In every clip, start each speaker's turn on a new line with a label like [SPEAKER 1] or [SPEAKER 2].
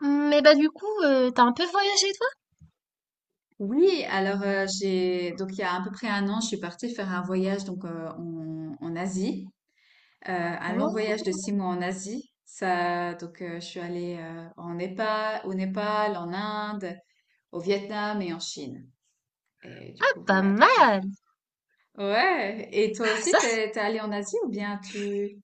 [SPEAKER 1] Mais bah du coup, t'as un peu voyagé toi?
[SPEAKER 2] Oui, alors j'ai donc il y a à peu près un an, je suis partie faire un voyage donc en Asie, un long voyage de six
[SPEAKER 1] Oh,
[SPEAKER 2] mois en Asie. Ça, donc je suis allée au Népal, en Inde, au Vietnam et en Chine. Et du
[SPEAKER 1] ah,
[SPEAKER 2] coup
[SPEAKER 1] pas
[SPEAKER 2] voilà, donc j'ai.
[SPEAKER 1] mal!
[SPEAKER 2] Ouais. Et toi aussi,
[SPEAKER 1] Ça, c'est-
[SPEAKER 2] t'es allée en Asie ou bien tu?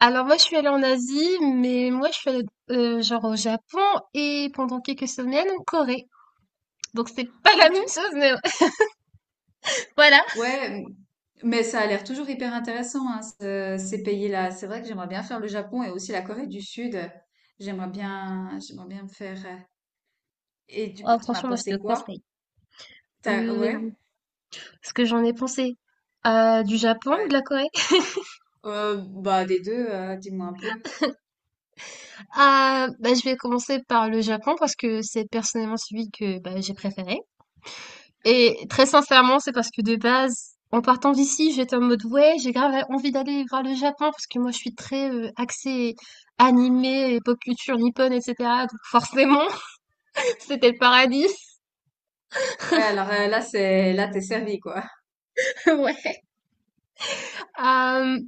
[SPEAKER 1] Alors moi je suis allée en Asie, mais moi je suis allée genre au Japon et pendant quelques semaines en Corée. Donc c'est pas la
[SPEAKER 2] Oh,
[SPEAKER 1] même chose, mais voilà.
[SPEAKER 2] ouais, mais ça a l'air toujours hyper intéressant, hein, ces pays-là. C'est vrai que j'aimerais bien faire le Japon et aussi la Corée du Sud. J'aimerais bien me faire. Et du coup,
[SPEAKER 1] Oh,
[SPEAKER 2] t'en as
[SPEAKER 1] franchement, moi je te
[SPEAKER 2] pensé quoi?
[SPEAKER 1] conseille. Euh,
[SPEAKER 2] Ouais,
[SPEAKER 1] ce que j'en ai pensé du Japon ou de
[SPEAKER 2] ouais.
[SPEAKER 1] la Corée?
[SPEAKER 2] Bah des deux, dis-moi un peu.
[SPEAKER 1] Ah bah, je vais commencer par le Japon parce que c'est personnellement celui que bah, j'ai préféré.
[SPEAKER 2] Ok.
[SPEAKER 1] Et très sincèrement, c'est parce que de base, en partant d'ici, j'étais en mode ouais, j'ai grave envie d'aller voir le Japon parce que moi je suis très axée animé, pop culture nippone, etc. Donc forcément, c'était le paradis.
[SPEAKER 2] Ouais, alors là t'es servi quoi.
[SPEAKER 1] Ouais. Euh,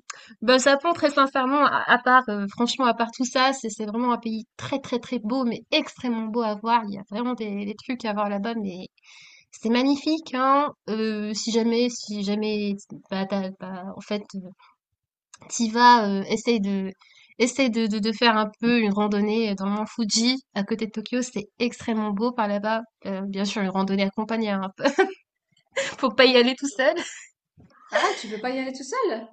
[SPEAKER 1] bah, le Japon, très sincèrement, à part, franchement, à part tout ça, c'est vraiment un pays très très très beau, mais extrêmement beau à voir. Il y a vraiment des trucs à voir là-bas, mais c'est magnifique, hein. Si jamais, bah, bah, en fait, t'y vas, essaye de faire un peu une randonnée, dans le mont Fuji, à côté de Tokyo. C'est extrêmement beau par là-bas. Bien sûr, une randonnée accompagnée, hein, faut pas y aller tout seul.
[SPEAKER 2] Ah, tu peux pas y aller tout seul?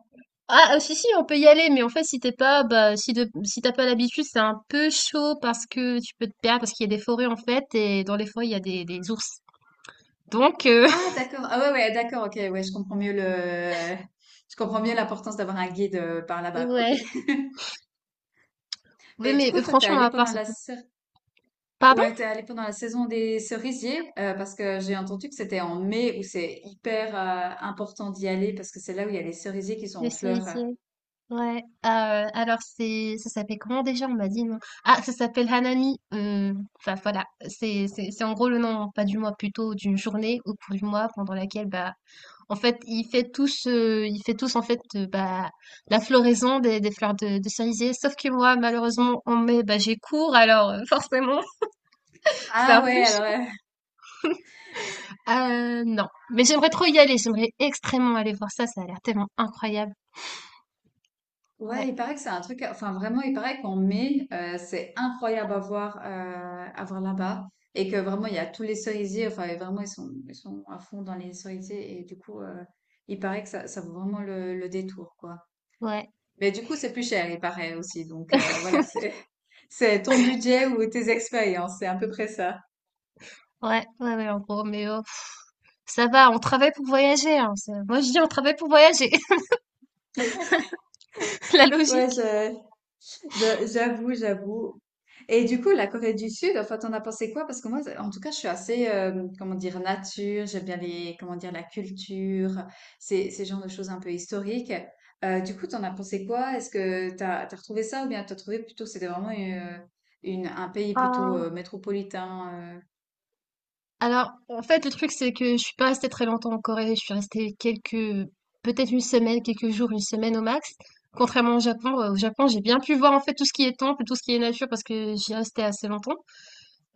[SPEAKER 1] Ah, si, on peut y aller, mais en fait, si t'as pas l'habitude, c'est un peu chaud parce que tu peux te perdre, parce qu'il y a des forêts, en fait, et dans les forêts, il y a des ours. Donc
[SPEAKER 2] Ah, d'accord. Ah ouais, ouais, d'accord. Ok, ouais, je comprends mieux l'importance d'avoir un guide par là-bas, quoi. Ok.
[SPEAKER 1] ouais. Oui,
[SPEAKER 2] Mais du
[SPEAKER 1] mais
[SPEAKER 2] coup, toi, t'es
[SPEAKER 1] franchement,
[SPEAKER 2] allé
[SPEAKER 1] à part,
[SPEAKER 2] pendant
[SPEAKER 1] c'est
[SPEAKER 2] la
[SPEAKER 1] cool. Pardon?
[SPEAKER 2] ouais, t'es allé pendant la saison des cerisiers, parce que j'ai entendu que c'était en mai où c'est hyper important d'y aller parce que c'est là où il y a les cerisiers qui sont
[SPEAKER 1] Les
[SPEAKER 2] en fleurs.
[SPEAKER 1] cerisiers. Ouais, ah, alors c'est ça s'appelle comment déjà? On m'a dit non. Ah, ça s'appelle Hanami, enfin voilà, c'est en gros le nom, pas du mois, plutôt d'une journée au cours du mois pendant laquelle, bah, en fait, il fait tous en fait, bah, la floraison des fleurs de cerisier. Sauf que moi, malheureusement, en mai, bah, j'ai cours alors, forcément, c'est
[SPEAKER 2] Ah
[SPEAKER 1] un
[SPEAKER 2] ouais,
[SPEAKER 1] peu
[SPEAKER 2] alors
[SPEAKER 1] chaud. Non, mais j'aimerais trop y aller, j'aimerais extrêmement aller voir ça, ça a l'air tellement incroyable. Ouais,
[SPEAKER 2] ouais, il paraît que c'est un truc, enfin vraiment, il paraît qu'en mai, c'est incroyable à voir, à voir là-bas et que vraiment il y a tous les cerisiers, enfin et vraiment ils sont à fond dans les cerisiers et du coup il paraît que ça vaut vraiment le détour quoi.
[SPEAKER 1] ouais,
[SPEAKER 2] Mais du coup, c'est plus cher, il paraît aussi. Donc voilà, c'est c'est ton budget ou tes expériences, c'est à peu près ça.
[SPEAKER 1] ouais, ouais, ouais, en gros, mais oh. Ça va, on travaille pour voyager, hein, moi, je dis on travaille pour voyager, la
[SPEAKER 2] Ouais,
[SPEAKER 1] logique.
[SPEAKER 2] j'avoue, j'avoue. Et du coup, la Corée du Sud, enfin, t'en as pensé quoi? Parce que moi, en tout cas, je suis assez, comment dire, nature. J'aime bien les, comment dire, la culture, ces genres de choses un peu historiques. Du coup, t'en as pensé quoi? Est-ce que t'as retrouvé ça ou bien t'as trouvé plutôt que c'était vraiment une, un pays plutôt
[SPEAKER 1] Ah,
[SPEAKER 2] métropolitain?
[SPEAKER 1] Alors, en fait, le truc, c'est que je suis pas restée très longtemps en Corée. Je suis restée quelques, peut-être une semaine, quelques jours, une semaine au max. Contrairement au Japon, j'ai bien pu voir en fait tout ce qui est temple, tout ce qui est nature, parce que j'y restais assez longtemps.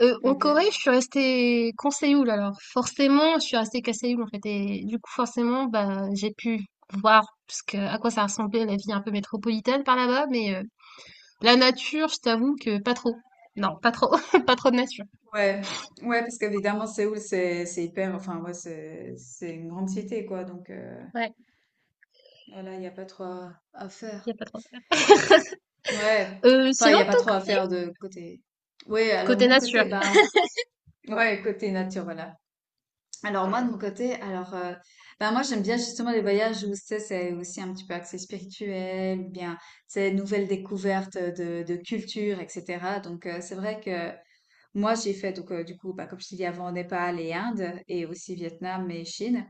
[SPEAKER 1] Euh, en
[SPEAKER 2] Ok.
[SPEAKER 1] Corée, je suis restée qu'en Séoul. Alors, forcément, je suis restée qu'à Séoul en fait, et du coup, forcément, bah, j'ai pu voir parce que à quoi ça ressemblait la vie un peu métropolitaine par là-bas, mais la nature, je t'avoue que pas trop. Non, pas trop. Pas trop de nature.
[SPEAKER 2] Ouais, ouais, parce qu'évidemment, Séoul, c'est hyper, enfin, ouais, c'est une grande cité, quoi. Donc,
[SPEAKER 1] Ouais,
[SPEAKER 2] voilà, il n'y a pas trop à
[SPEAKER 1] y
[SPEAKER 2] faire.
[SPEAKER 1] a pas trop.
[SPEAKER 2] Ouais,
[SPEAKER 1] Euh,
[SPEAKER 2] enfin, il
[SPEAKER 1] sinon,
[SPEAKER 2] n'y a
[SPEAKER 1] de
[SPEAKER 2] pas
[SPEAKER 1] ton
[SPEAKER 2] trop à
[SPEAKER 1] côté,
[SPEAKER 2] faire de côté. Oui, alors de
[SPEAKER 1] côté
[SPEAKER 2] mon
[SPEAKER 1] nature.
[SPEAKER 2] côté, ben, ouais, côté nature, voilà. Alors, moi, de mon côté, alors, ben, moi, j'aime bien justement les voyages où, tu sais, c'est aussi un petit peu axé spirituel, bien, c'est nouvelles découvertes de culture, etc. Donc, c'est vrai que. Moi, j'ai fait donc du coup, bah, comme je t'ai dit avant, Népal et Inde et aussi Vietnam et Chine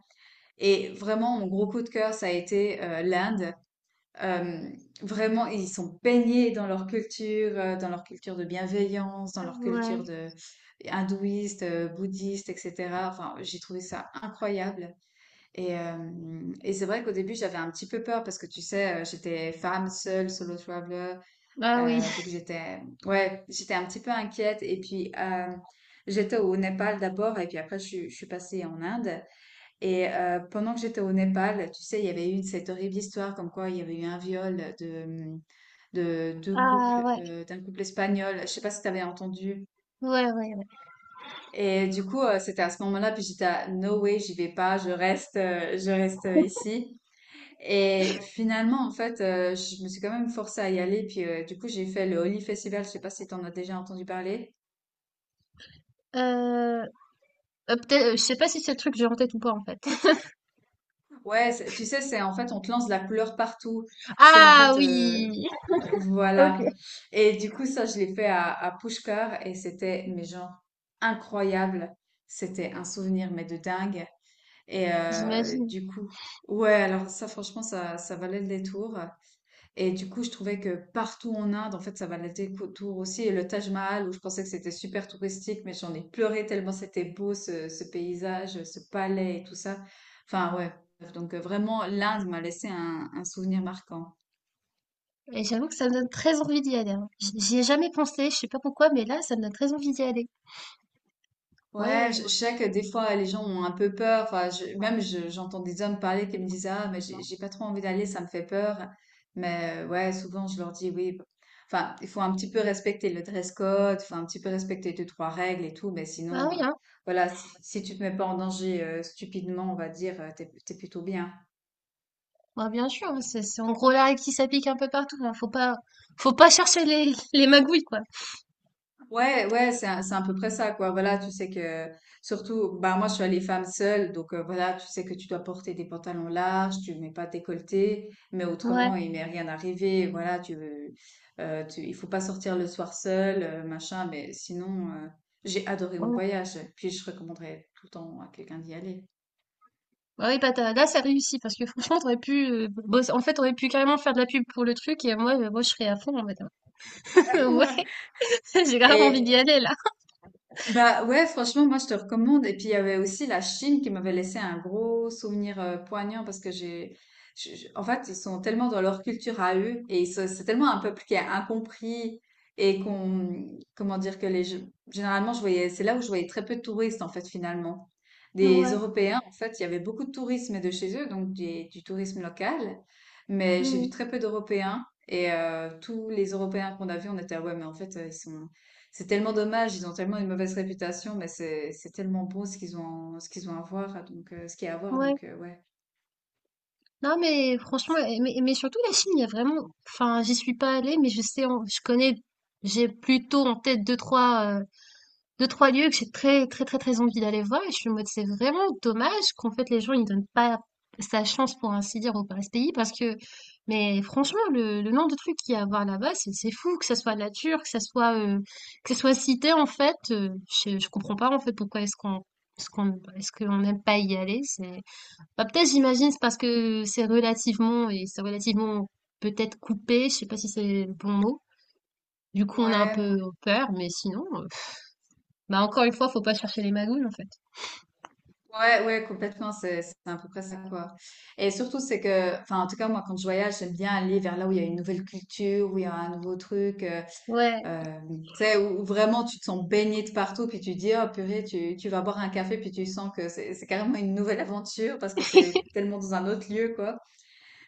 [SPEAKER 2] et vraiment mon gros coup de cœur, ça a été, l'Inde. Vraiment, ils sont baignés dans leur culture de bienveillance, dans leur
[SPEAKER 1] Ouais.
[SPEAKER 2] culture de hindouiste, bouddhiste et cetera. Enfin, j'ai trouvé ça incroyable et hem et c'est vrai qu'au début, j'avais un petit peu peur parce que tu sais, j'étais femme seule, solo traveler
[SPEAKER 1] Bah oui.
[SPEAKER 2] donc j'étais, ouais, j'étais un petit peu inquiète. Et puis j'étais au Népal d'abord, et puis après je suis passée en Inde. Et pendant que j'étais au Népal, tu sais, il y avait eu cette horrible histoire comme quoi il y avait eu un viol de deux
[SPEAKER 1] Ah
[SPEAKER 2] couples,
[SPEAKER 1] ouais.
[SPEAKER 2] d'un couple espagnol. Je sais pas si tu avais entendu.
[SPEAKER 1] Ouais, ouais, ouais.
[SPEAKER 2] Et du coup, c'était à ce moment-là, puis j'étais à no way, j'y vais pas, je reste, ici. Et finalement, en fait, je me suis quand même forcée à y aller. Puis du coup, j'ai fait le Holi Festival. Je sais pas si tu en as déjà entendu parler.
[SPEAKER 1] Euh, peut-être, je sais pas si c'est le truc que j'ai en tête ou pas en fait.
[SPEAKER 2] Ouais, tu sais, c'est en fait, on te lance de la couleur partout. C'est en
[SPEAKER 1] Ah
[SPEAKER 2] fait,
[SPEAKER 1] oui, ok.
[SPEAKER 2] voilà. Et du coup, ça, je l'ai fait à Pushkar et c'était, mais genre, incroyable. C'était un souvenir, mais de dingue. Et
[SPEAKER 1] J'imagine.
[SPEAKER 2] du coup, ouais, alors ça, franchement, ça valait le détour. Et du coup, je trouvais que partout en Inde, en fait, ça valait autour aussi. Et le Taj Mahal, où je pensais que c'était super touristique, mais j'en ai pleuré tellement c'était beau ce paysage, ce palais et tout ça. Enfin, ouais. Donc, vraiment, l'Inde m'a laissé un souvenir marquant.
[SPEAKER 1] Et j'avoue que ça me donne très envie d'y aller, hein. J'y ai jamais pensé, je sais pas pourquoi, mais là, ça me donne très envie d'y aller.
[SPEAKER 2] Ouais,
[SPEAKER 1] Ouais,
[SPEAKER 2] je sais que des fois les gens ont un peu peur. Enfin, même j'entends des hommes parler qui me disent ah mais j'ai pas trop envie d'aller, ça me fait peur. Mais ouais, souvent je leur dis oui. bon.» Enfin, il faut un petit peu respecter le dress code, faut un petit peu respecter deux trois règles et tout. Mais
[SPEAKER 1] bah
[SPEAKER 2] sinon,
[SPEAKER 1] oui, hein.
[SPEAKER 2] voilà, si tu te mets pas en danger stupidement, on va dire, t'es plutôt bien.
[SPEAKER 1] Bah bien sûr, hein, c'est en gros là qui s'applique un peu partout, hein. Faut pas chercher les, les magouilles quoi.
[SPEAKER 2] Ouais, ouais, c'est à peu près ça, quoi. Voilà, tu sais que, surtout, bah, moi, je suis allée femme seule, donc voilà, tu sais que tu dois porter des pantalons larges, tu mets pas de décolleté, mais
[SPEAKER 1] Ouais.
[SPEAKER 2] autrement, il m'est rien arrivé. Voilà, il faut pas sortir le soir seul, machin, mais sinon, j'ai adoré mon
[SPEAKER 1] Ouais.
[SPEAKER 2] voyage, puis je recommanderais tout le temps à quelqu'un d'y aller.
[SPEAKER 1] Bah oui, bah là, ça réussit parce que franchement, t'aurais pu en fait, t'aurais pu carrément faire de la pub pour le truc et moi je serais à fond en mode. Ouais, j'ai grave envie d'y
[SPEAKER 2] Et,
[SPEAKER 1] aller là.
[SPEAKER 2] Bah ouais, franchement, moi je te recommande. Et puis il y avait aussi la Chine qui m'avait laissé un gros souvenir poignant parce que en fait, ils sont tellement dans leur culture à eux et c'est tellement un peuple qui est incompris et qu'on, comment dire que généralement je voyais, c'est là où je voyais très peu de touristes en fait finalement. Des
[SPEAKER 1] Ouais,
[SPEAKER 2] Européens, en fait, il y avait beaucoup de tourisme de chez eux, donc du tourisme local, mais j'ai vu
[SPEAKER 1] hmm,
[SPEAKER 2] très peu d'Européens. Et tous les Européens qu'on a vus, on était, ah ouais, mais en fait, ils sont c'est tellement dommage, ils ont tellement une mauvaise réputation, mais c'est tellement beau ce qu'ils ont à voir, donc ce qu'il y a à voir,
[SPEAKER 1] ouais.
[SPEAKER 2] donc ouais.
[SPEAKER 1] Non, mais franchement, mais surtout la Chine, il y a vraiment. Enfin, j'y suis pas allée, mais je sais, je connais, j'ai plutôt en tête deux, trois. 2 trois lieux que j'ai très, très, très, très envie d'aller voir. Et je suis en mode c'est vraiment dommage qu'en fait les gens ils donnent pas sa chance pour ainsi dire au Paris Pays, parce que mais franchement, le nombre de trucs qu'il y a à voir là-bas, c'est fou, que ça soit nature, que ça soit cité en fait, je comprends pas en fait pourquoi est-ce qu'on n'aime pas y aller. C'est bah, peut-être j'imagine c'est parce que c'est relativement, peut-être, coupé, je sais pas si c'est le bon mot, du coup on a un
[SPEAKER 2] Ouais,
[SPEAKER 1] peu peur. Mais sinon bah encore une fois, faut pas chercher les magouilles en fait.
[SPEAKER 2] ouais, ouais, complètement, c'est à peu près ça quoi. Et surtout c'est que, enfin en tout cas moi quand je voyage, j'aime bien aller vers là où il y a une nouvelle culture, où il y a un nouveau truc,
[SPEAKER 1] Ouais,
[SPEAKER 2] euh, tu sais où vraiment tu te sens baigné de partout, puis tu dis oh purée, tu vas boire un café, puis tu sens que c'est carrément une nouvelle aventure parce que c'est tellement dans un autre lieu quoi.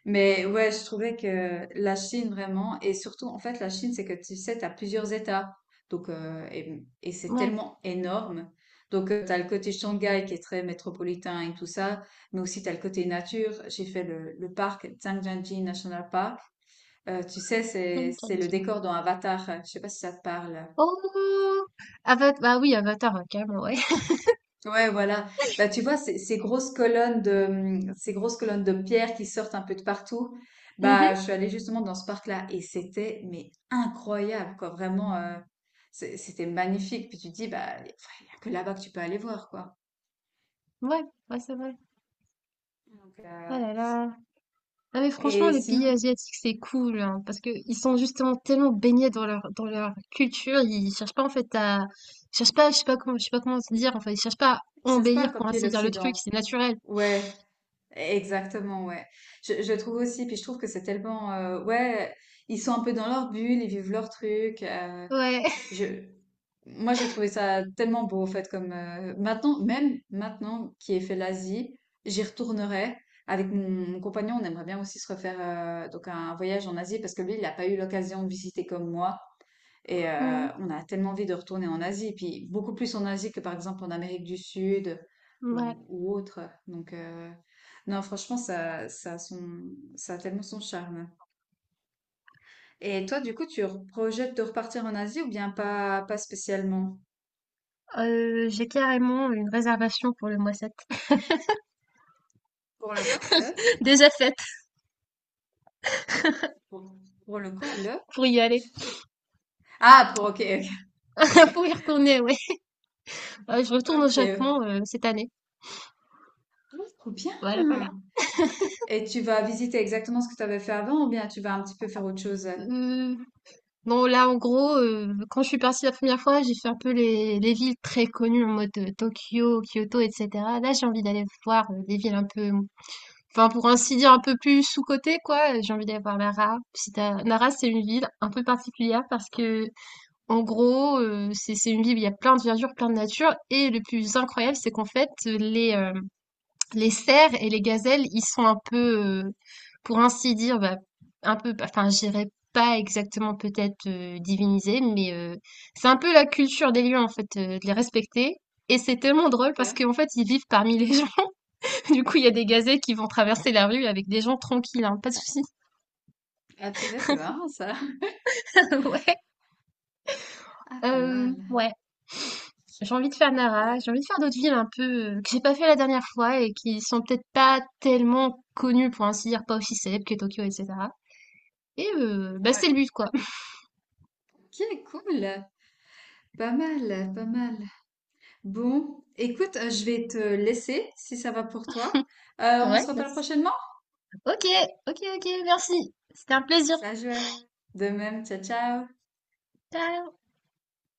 [SPEAKER 2] Mais ouais, je trouvais que la Chine vraiment, et surtout en fait la Chine, c'est que tu sais, tu as plusieurs États, donc et c'est
[SPEAKER 1] ouais,
[SPEAKER 2] tellement énorme. Donc tu as le côté Shanghai qui est très métropolitain et tout ça, mais aussi tu as le côté nature. J'ai fait le parc Zhangjiajie National Park. Tu sais, c'est
[SPEAKER 1] comme t'as
[SPEAKER 2] c'est le
[SPEAKER 1] dit.
[SPEAKER 2] décor dans Avatar. Je sais pas si ça te parle.
[SPEAKER 1] Oh! Avatar, bah oui, Avatar, hein, carrément, ouais.
[SPEAKER 2] Ouais, voilà. Bah, tu vois, ces grosses colonnes de pierre qui sortent un peu de partout. Bah,
[SPEAKER 1] Mhm.
[SPEAKER 2] je suis allée justement dans ce parc-là et c'était, mais incroyable, quoi. Vraiment, c'était magnifique. Puis tu te dis, bah, il n'y a que là-bas que tu peux aller voir, quoi.
[SPEAKER 1] Ouais, ouais, c'est vrai.
[SPEAKER 2] Donc,
[SPEAKER 1] Oh là là. Ah mais franchement,
[SPEAKER 2] et
[SPEAKER 1] les pays
[SPEAKER 2] sinon,
[SPEAKER 1] asiatiques, c'est cool, hein, parce que ils sont justement tellement baignés dans leur culture, ils cherchent pas en fait à, ils cherchent pas, je sais pas comment se dire, enfin, ils cherchent pas à
[SPEAKER 2] je cherche pas à
[SPEAKER 1] embellir pour
[SPEAKER 2] copier
[SPEAKER 1] ainsi dire le truc,
[SPEAKER 2] l'Occident.
[SPEAKER 1] c'est naturel.
[SPEAKER 2] Ouais, exactement, ouais. Je trouve aussi, puis je trouve que c'est tellement, ouais, ils sont un peu dans leur bulle, ils vivent leur truc.
[SPEAKER 1] Ouais.
[SPEAKER 2] Je, moi, j'ai trouvé ça tellement beau, en fait, comme maintenant, même maintenant qui est fait l'Asie, j'y retournerai. Avec mon compagnon, on aimerait bien aussi se refaire donc un voyage en Asie parce que lui, il n'a pas eu l'occasion de visiter comme moi. Et
[SPEAKER 1] Mhm.
[SPEAKER 2] on a tellement envie de retourner en Asie, puis beaucoup plus en Asie que par exemple en Amérique du Sud
[SPEAKER 1] Ouais.
[SPEAKER 2] ou autre. Donc, non, franchement, ça a tellement son charme. Et toi, du coup, projettes de repartir en Asie ou bien pas, pas spécialement?
[SPEAKER 1] J'ai carrément une réservation pour le mois sept.
[SPEAKER 2] Pour le quoi? Le?
[SPEAKER 1] Déjà faite,
[SPEAKER 2] Pour, pour le quoi? Le?
[SPEAKER 1] pour y aller.
[SPEAKER 2] Ah, pour, ok, ok.
[SPEAKER 1] Pour y retourner, ouais. Je retourne au
[SPEAKER 2] Ok.
[SPEAKER 1] Japon cette année.
[SPEAKER 2] Oh, trop bien.
[SPEAKER 1] Voilà, voilà.
[SPEAKER 2] Et tu vas visiter exactement ce que tu avais fait avant ou bien tu vas un petit peu faire autre chose?
[SPEAKER 1] Euh, non, là, en gros, quand je suis partie la première fois, j'ai fait un peu les villes très connues en mode Tokyo, Kyoto, etc. Là, j'ai envie d'aller voir des villes un peu, enfin, pour ainsi dire, un peu plus sous-cotées, quoi. J'ai envie d'aller voir Nara. Si t'as- Nara, c'est une ville un peu particulière parce que, en gros, c'est une ville où il y a plein de verdure, plein de nature. Et le plus incroyable, c'est qu'en fait, les cerfs et les gazelles, ils sont un peu, pour ainsi dire, bah, un peu, enfin, je dirais pas exactement peut-être divinisés, mais c'est un peu la culture des lions, en fait, de les respecter. Et c'est tellement drôle
[SPEAKER 2] Ok.
[SPEAKER 1] parce qu'en fait, ils vivent parmi les gens. Du coup, il y a des gazelles qui vont traverser la rue avec des gens tranquilles, hein, pas de soucis.
[SPEAKER 2] Ah, purée, c'est marrant ça.
[SPEAKER 1] Ouais.
[SPEAKER 2] Ah, pas mal.
[SPEAKER 1] Ouais. J'ai envie de faire Nara, j'ai
[SPEAKER 2] Ouais.
[SPEAKER 1] envie de faire d'autres villes un peu que j'ai pas fait la dernière fois et qui sont peut-être pas tellement connues, pour ainsi dire, pas aussi célèbres que Tokyo, etc. Et bah, c'est
[SPEAKER 2] Ouais.
[SPEAKER 1] le but, quoi.
[SPEAKER 2] Ok, cool. Pas mal, pas mal. Bon, écoute, je vais te laisser si ça va pour toi. On
[SPEAKER 1] Ouais,
[SPEAKER 2] se
[SPEAKER 1] bah,
[SPEAKER 2] reparle prochainement?
[SPEAKER 1] ok, ok, ok, merci. C'était un plaisir.
[SPEAKER 2] Ça joue. De même, ciao, ciao.
[SPEAKER 1] Ciao.